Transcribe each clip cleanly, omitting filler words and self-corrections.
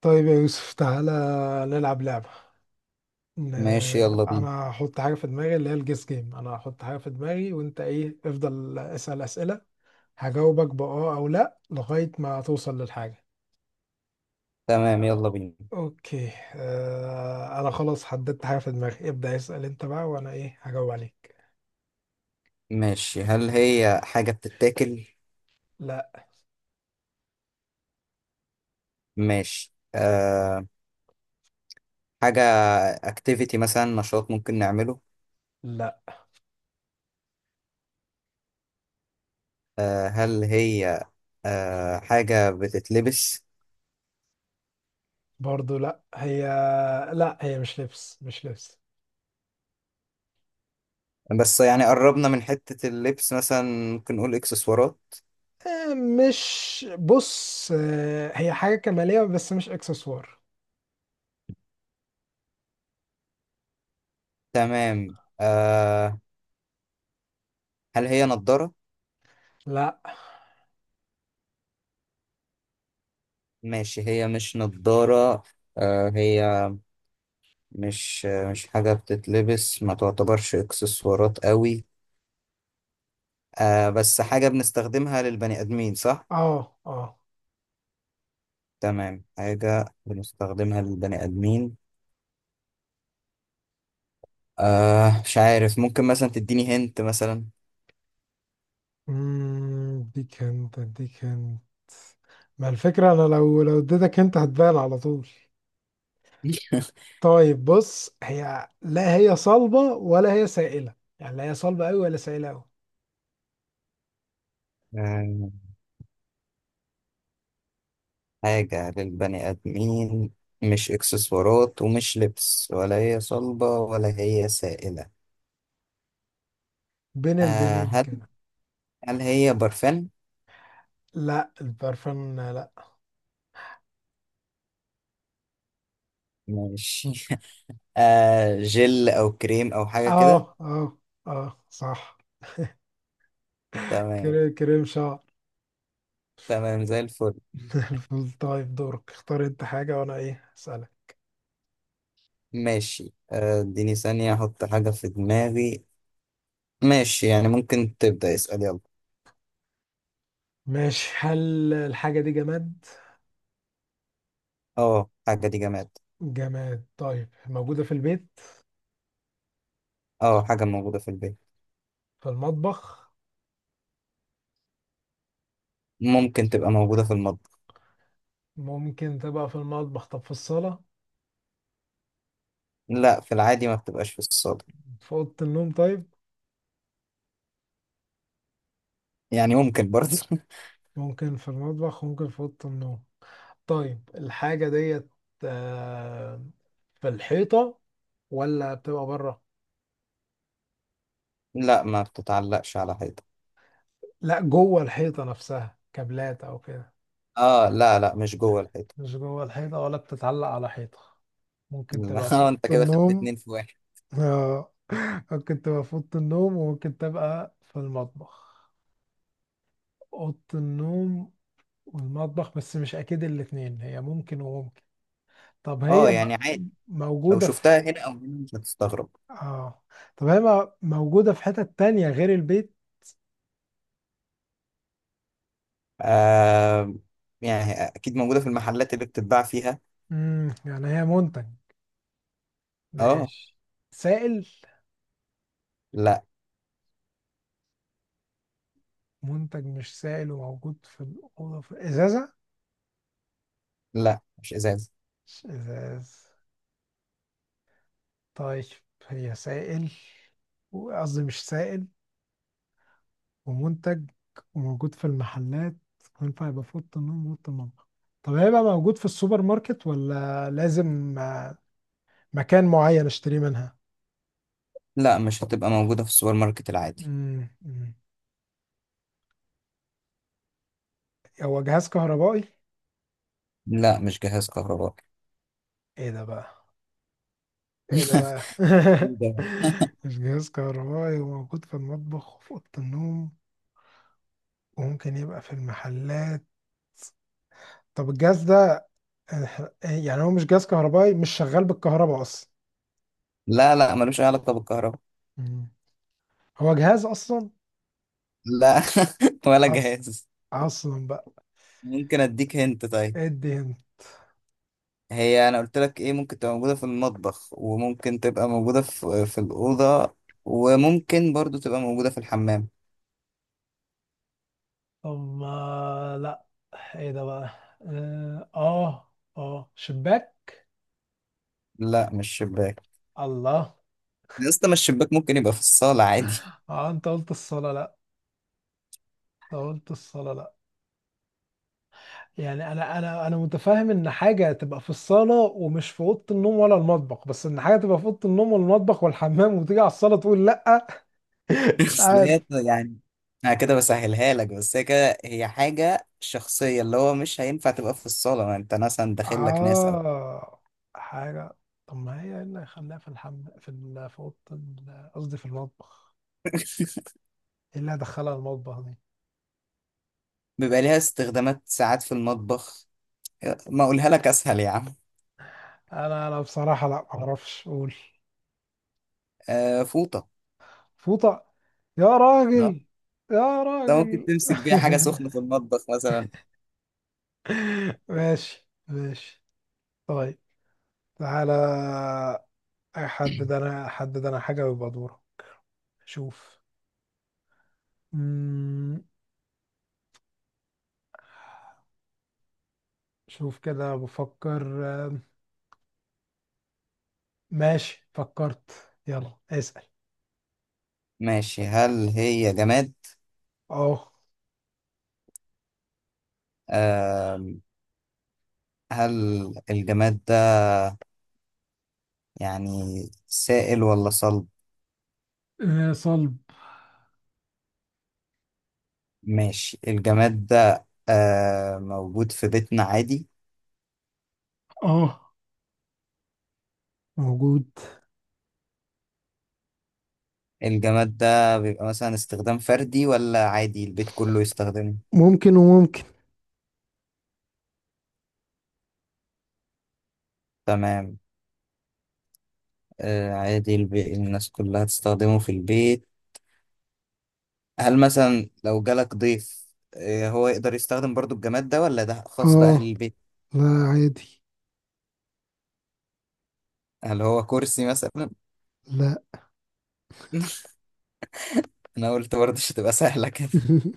طيب يا يوسف، تعالى نلعب لعبة. ن- ماشي، يلا بينا. أنا هحط حاجة في دماغي اللي هي الجيس جيم. أنا هحط حاجة في دماغي وأنت إيه افضل اسأل أسئلة، هجاوبك بأه أو لأ لغاية ما توصل للحاجة. تمام، يلا بينا. أوكي. أنا خلاص حددت حاجة في دماغي، ابدأ اسأل أنت بقى وأنا إيه هجاوب عليك. ماشي، هل هي حاجة بتتاكل؟ لأ. ماشي. أه، حاجة اكتيفيتي مثلا، نشاط ممكن نعمله؟ لأ، أه، هل هي أه حاجة بتتلبس؟ برضو لأ. هي لأ، هي مش لبس مش لبس. بس يعني قربنا من حتة اللبس مثلا، ممكن نقول اكسسوارات. آه مش بص، آه هي حاجة كمالية بس مش إكسسوار. تمام. أه، هل هي نضارة؟ لأ. ماشي، هي مش نضارة. أه، هي مش حاجة بتتلبس، ما تعتبرش اكسسوارات قوي. آه بس حاجة بنستخدمها للبني آدمين، صح؟ اه اه. تمام، حاجة بنستخدمها للبني آدمين. آه، مش عارف، ممكن مثلا تديني هنت مثلا. اديك انت، ما الفكرة انا لو اديتك انت هتبان على طول. طيب بص، هي لا هي صلبة ولا هي سائلة، يعني لا هي صلبة أوي ولا سائلة أوي. آه، حاجة للبني آدمين، مش إكسسوارات ومش لبس، ولا هي صلبة ولا هي سائلة. بين آه، البنين هل كده. هل هي برفان؟ لا البرفان لا. ماشي. آه، جل أو كريم أو حاجة كده. اه اه. اه صح. تمام. كريم شعر. تمام، زي الفل. الفل. طيب دورك، اختار انت حاجة وانا ايه اسألك. ماشي. اديني ثانية أحط حاجة في دماغي. ماشي، يعني ممكن تبدأ اسأل، يلا. ماشي، هل الحاجة دي جماد؟ اه، حاجة دي جماد. جماد طيب، موجودة في البيت؟ اه، حاجة موجودة في البيت. في المطبخ؟ ممكن تبقى موجودة في المطبخ. ممكن تبقى في المطبخ، طب في الصالة؟ لا، في العادي ما بتبقاش في الصالة. في أوضة النوم طيب؟ يعني ممكن برضه. ممكن في المطبخ، ممكن في أوضة النوم. طيب الحاجة ديت، آه، في الحيطة ولا بتبقى بره؟ لا، ما بتتعلقش على حيطة. لا جوه الحيطة نفسها، كابلات أو كده؟ اه، لا لا، مش جوه الحيطة. مش جوه الحيطة ولا بتتعلق على حيطة. ممكن لا. تبقى في أوضة انت كده خدت النوم. اتنين في واحد. آه، ممكن تبقى في أوضة النوم وممكن تبقى في المطبخ. أوضة النوم والمطبخ، بس مش أكيد الاتنين، هي ممكن وممكن. طب اه، هي يعني عادي، لو موجودة في شفتها هنا او هنا مش هتستغرب. اه، طب هي موجودة في حتة تانية غير البيت؟ آه، يعني اكيد موجودة في المحلات اللي بتتباع فيها. يعني هي منتج. اه. ماشي. سائل؟ لا منتج مش سائل وموجود في الأوضة في إزازة؟ لا، مش ازاز. مش إزاز؟ طيب، هي سائل، قصدي مش سائل، ومنتج، وموجود في المحلات، وينفع يبقى في أوضة النوم وأوضة المطبخ. طب هيبقى موجود في السوبر ماركت ولا لازم مكان معين اشتريه منها؟ لا، مش هتبقى موجودة في السوبر ماركت العادي. مم. مم. هو جهاز كهربائي؟ لا، مش جهاز كهربائي. ايه ده بقى؟ ايه ده بقى؟ ده. مش جهاز كهربائي، وموجود في المطبخ وفي اوضه النوم، وممكن يبقى في المحلات. طب الجهاز ده، يعني هو مش جهاز كهربائي، مش شغال بالكهرباء اصلا؟ لا لا، ملوش أي علاقة بالكهرباء. مم. هو جهاز اصلا؟ لا. ولا اصلا، جهاز. اصلا بقى. ممكن أديك هنت طيب. ادي هنا. هي أنا قلت لك إيه، ممكن تبقى موجودة في المطبخ وممكن تبقى موجودة في الأوضة، وممكن برضو تبقى موجودة في الحمام. طب لا. ايه ده بقى؟ اه اه. آه، شباك؟ لا، مش شباك. الله. يا اسطى، ما الشباك ممكن يبقى في الصالة عادي. اه انت قلت الصلاة لا، انت قلت الصلاة لا. يعني انا متفاهم ان حاجه تبقى في الصاله ومش في اوضه النوم ولا المطبخ، بس ان حاجه تبقى في اوضه النوم والمطبخ والحمام وتيجي على الصاله تقول لا. مش أصل عارف. هي يعني. أنا كده بسهلها لك، بس هي كده هي حاجة شخصية، اللي هو مش هينفع تبقى في الصالة، ما أنت مثلا داخل لك ناس أو. اه حاجه. طب ما هي ايه اللي هيخليها في في في اوضه قصدي في المطبخ، ايه اللي هدخلها المطبخ دي؟ بيبقى ليها استخدامات ساعات في المطبخ. ما أقولها لك أسهل يا عم. انا بصراحه لا، ما اعرفش اقول. آه، فوطة. فوطه؟ يا اه. راجل، يا ده ممكن راجل. تمسك بيها حاجة سخنة في المطبخ مثلا. ماشي ماشي. طيب تعالى، حدد. انا حدد انا حاجة ويبقى دورة. شوف. مم. شوف كده بفكر. آه، ماشي فكرت، يلا اسأل. ماشي، هل هي جماد؟ اه. آه، هل الجماد ده يعني سائل ولا صلب؟ آه صلب. ماشي، الجماد ده آه موجود في بيتنا عادي. اه موجود. الجماد ده بيبقى مثلا استخدام فردي، ولا عادي البيت كله يستخدمه؟ ممكن وممكن. تمام. آه، عادي البي الناس كلها تستخدمه في البيت. هل مثلا لو جالك ضيف، هو يقدر يستخدم برضو الجماد ده، ولا ده خاص بأهل اه. البيت؟ لا عادي. هل هو كرسي مثلا؟ لا. انا قلت برضه مش هتبقى سهله كده.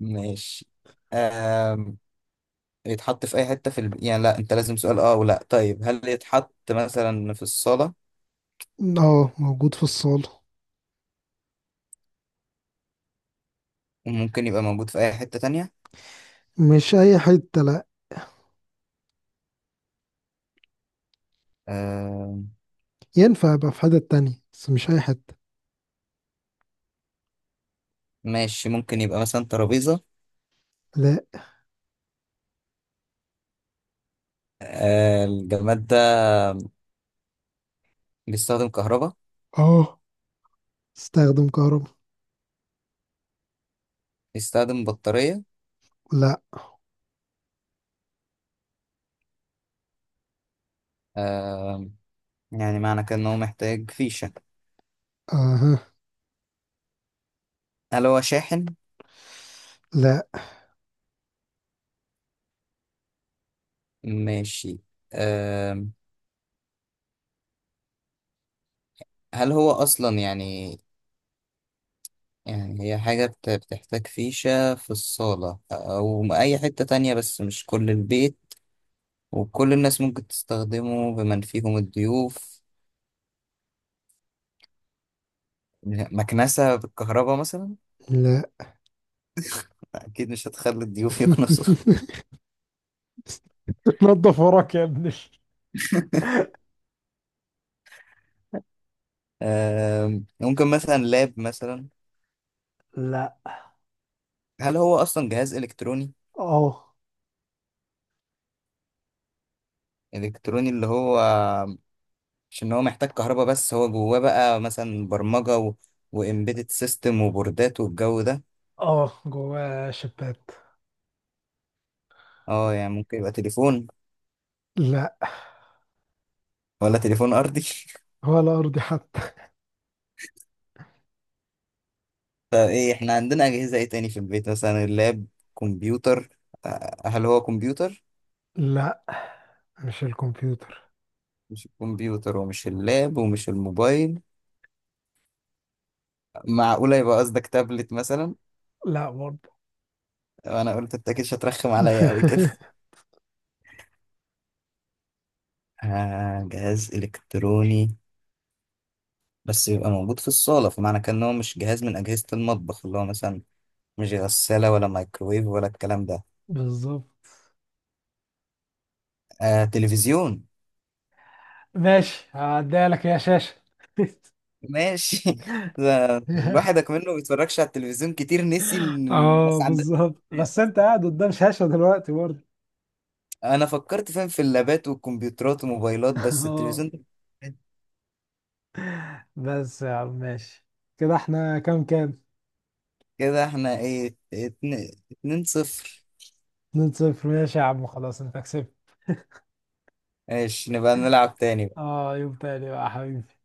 ماشي. أم... يتحط في اي حته في الب يعني لا انت لازم سؤال اه ولا، طيب هل يتحط مثلا في الصاله، اه، موجود في الصالة. وممكن يبقى موجود في اي حته تانية؟ مش أي حتة لا، أم... ينفع يبقى في حتة تانية بس مش أي حتة. ماشي، ممكن يبقى مثلا ترابيزه؟ لا. أه، الجماد ده بيستخدم كهرباء؟ اه استخدم كهرباء. بيستخدم بطاريه؟ لا. أم... يعني معنى كده ان هو محتاج فيشه. اها. هل هو شاحن؟ لا. ماشي. أم... هل هو اصلا يعني، يعني هي حاجة بتحتاج فيشة في الصالة أو أي حتة تانية، بس مش كل البيت، وكل الناس ممكن تستخدمه بمن فيهم الضيوف. مكنسة بالكهرباء مثلا؟ لا. أكيد مش هتخلي الضيوف يكنسوا. تنظف وراك يا ابني. ممكن مثلا لاب مثلا؟ لا. هل هو أصلا جهاز إلكتروني؟ اه إلكتروني اللي هو مش إن هو محتاج كهرباء، بس هو جواه بقى مثلا برمجة وإمبيدد سيستم وبوردات والجو ده. اه، جواه شبات. اه، يعني ممكن يبقى تليفون؟ لا. ولا تليفون أرضي؟ ولا ارضي حتى. طب ايه، احنا عندنا اجهزه ايه تاني في البيت؟ مثلا اللاب، كمبيوتر. هل هو كمبيوتر؟ لا مش الكمبيوتر. مش الكمبيوتر ومش اللاب ومش الموبايل، معقوله يبقى قصدك تابلت مثلا؟ لا برضه. انا قلت انت اكيد مش هترخم عليا قوي كده. آه، جهاز الكتروني، بس يبقى موجود في الصاله، فمعنى كان إن هو مش جهاز من اجهزه المطبخ، اللي هو مثلا مش غساله ولا مايكرويف ولا الكلام ده. بالظبط. آه، تلفزيون. ماشي، هعديها لك يا شاشة. ماشي. ده الواحد منه ما بيتفرجش على التلفزيون كتير، نسي ان اه الناس عندها. بالظبط، بس انت قاعد قدام شاشة دلوقتي برضه. انا فكرت فاهم في اللابات والكمبيوترات والموبايلات، بس اه التلفزيون ده. بس يا عم ماشي، كده احنا كام كام؟ كده احنا ايه، اتنين, 2-0. 2 صفر، ماشي يا عم، خلاص انت كسبت. ماشي، نبقى نلعب تاني. اه يوم تاني بقى يا حبيبي.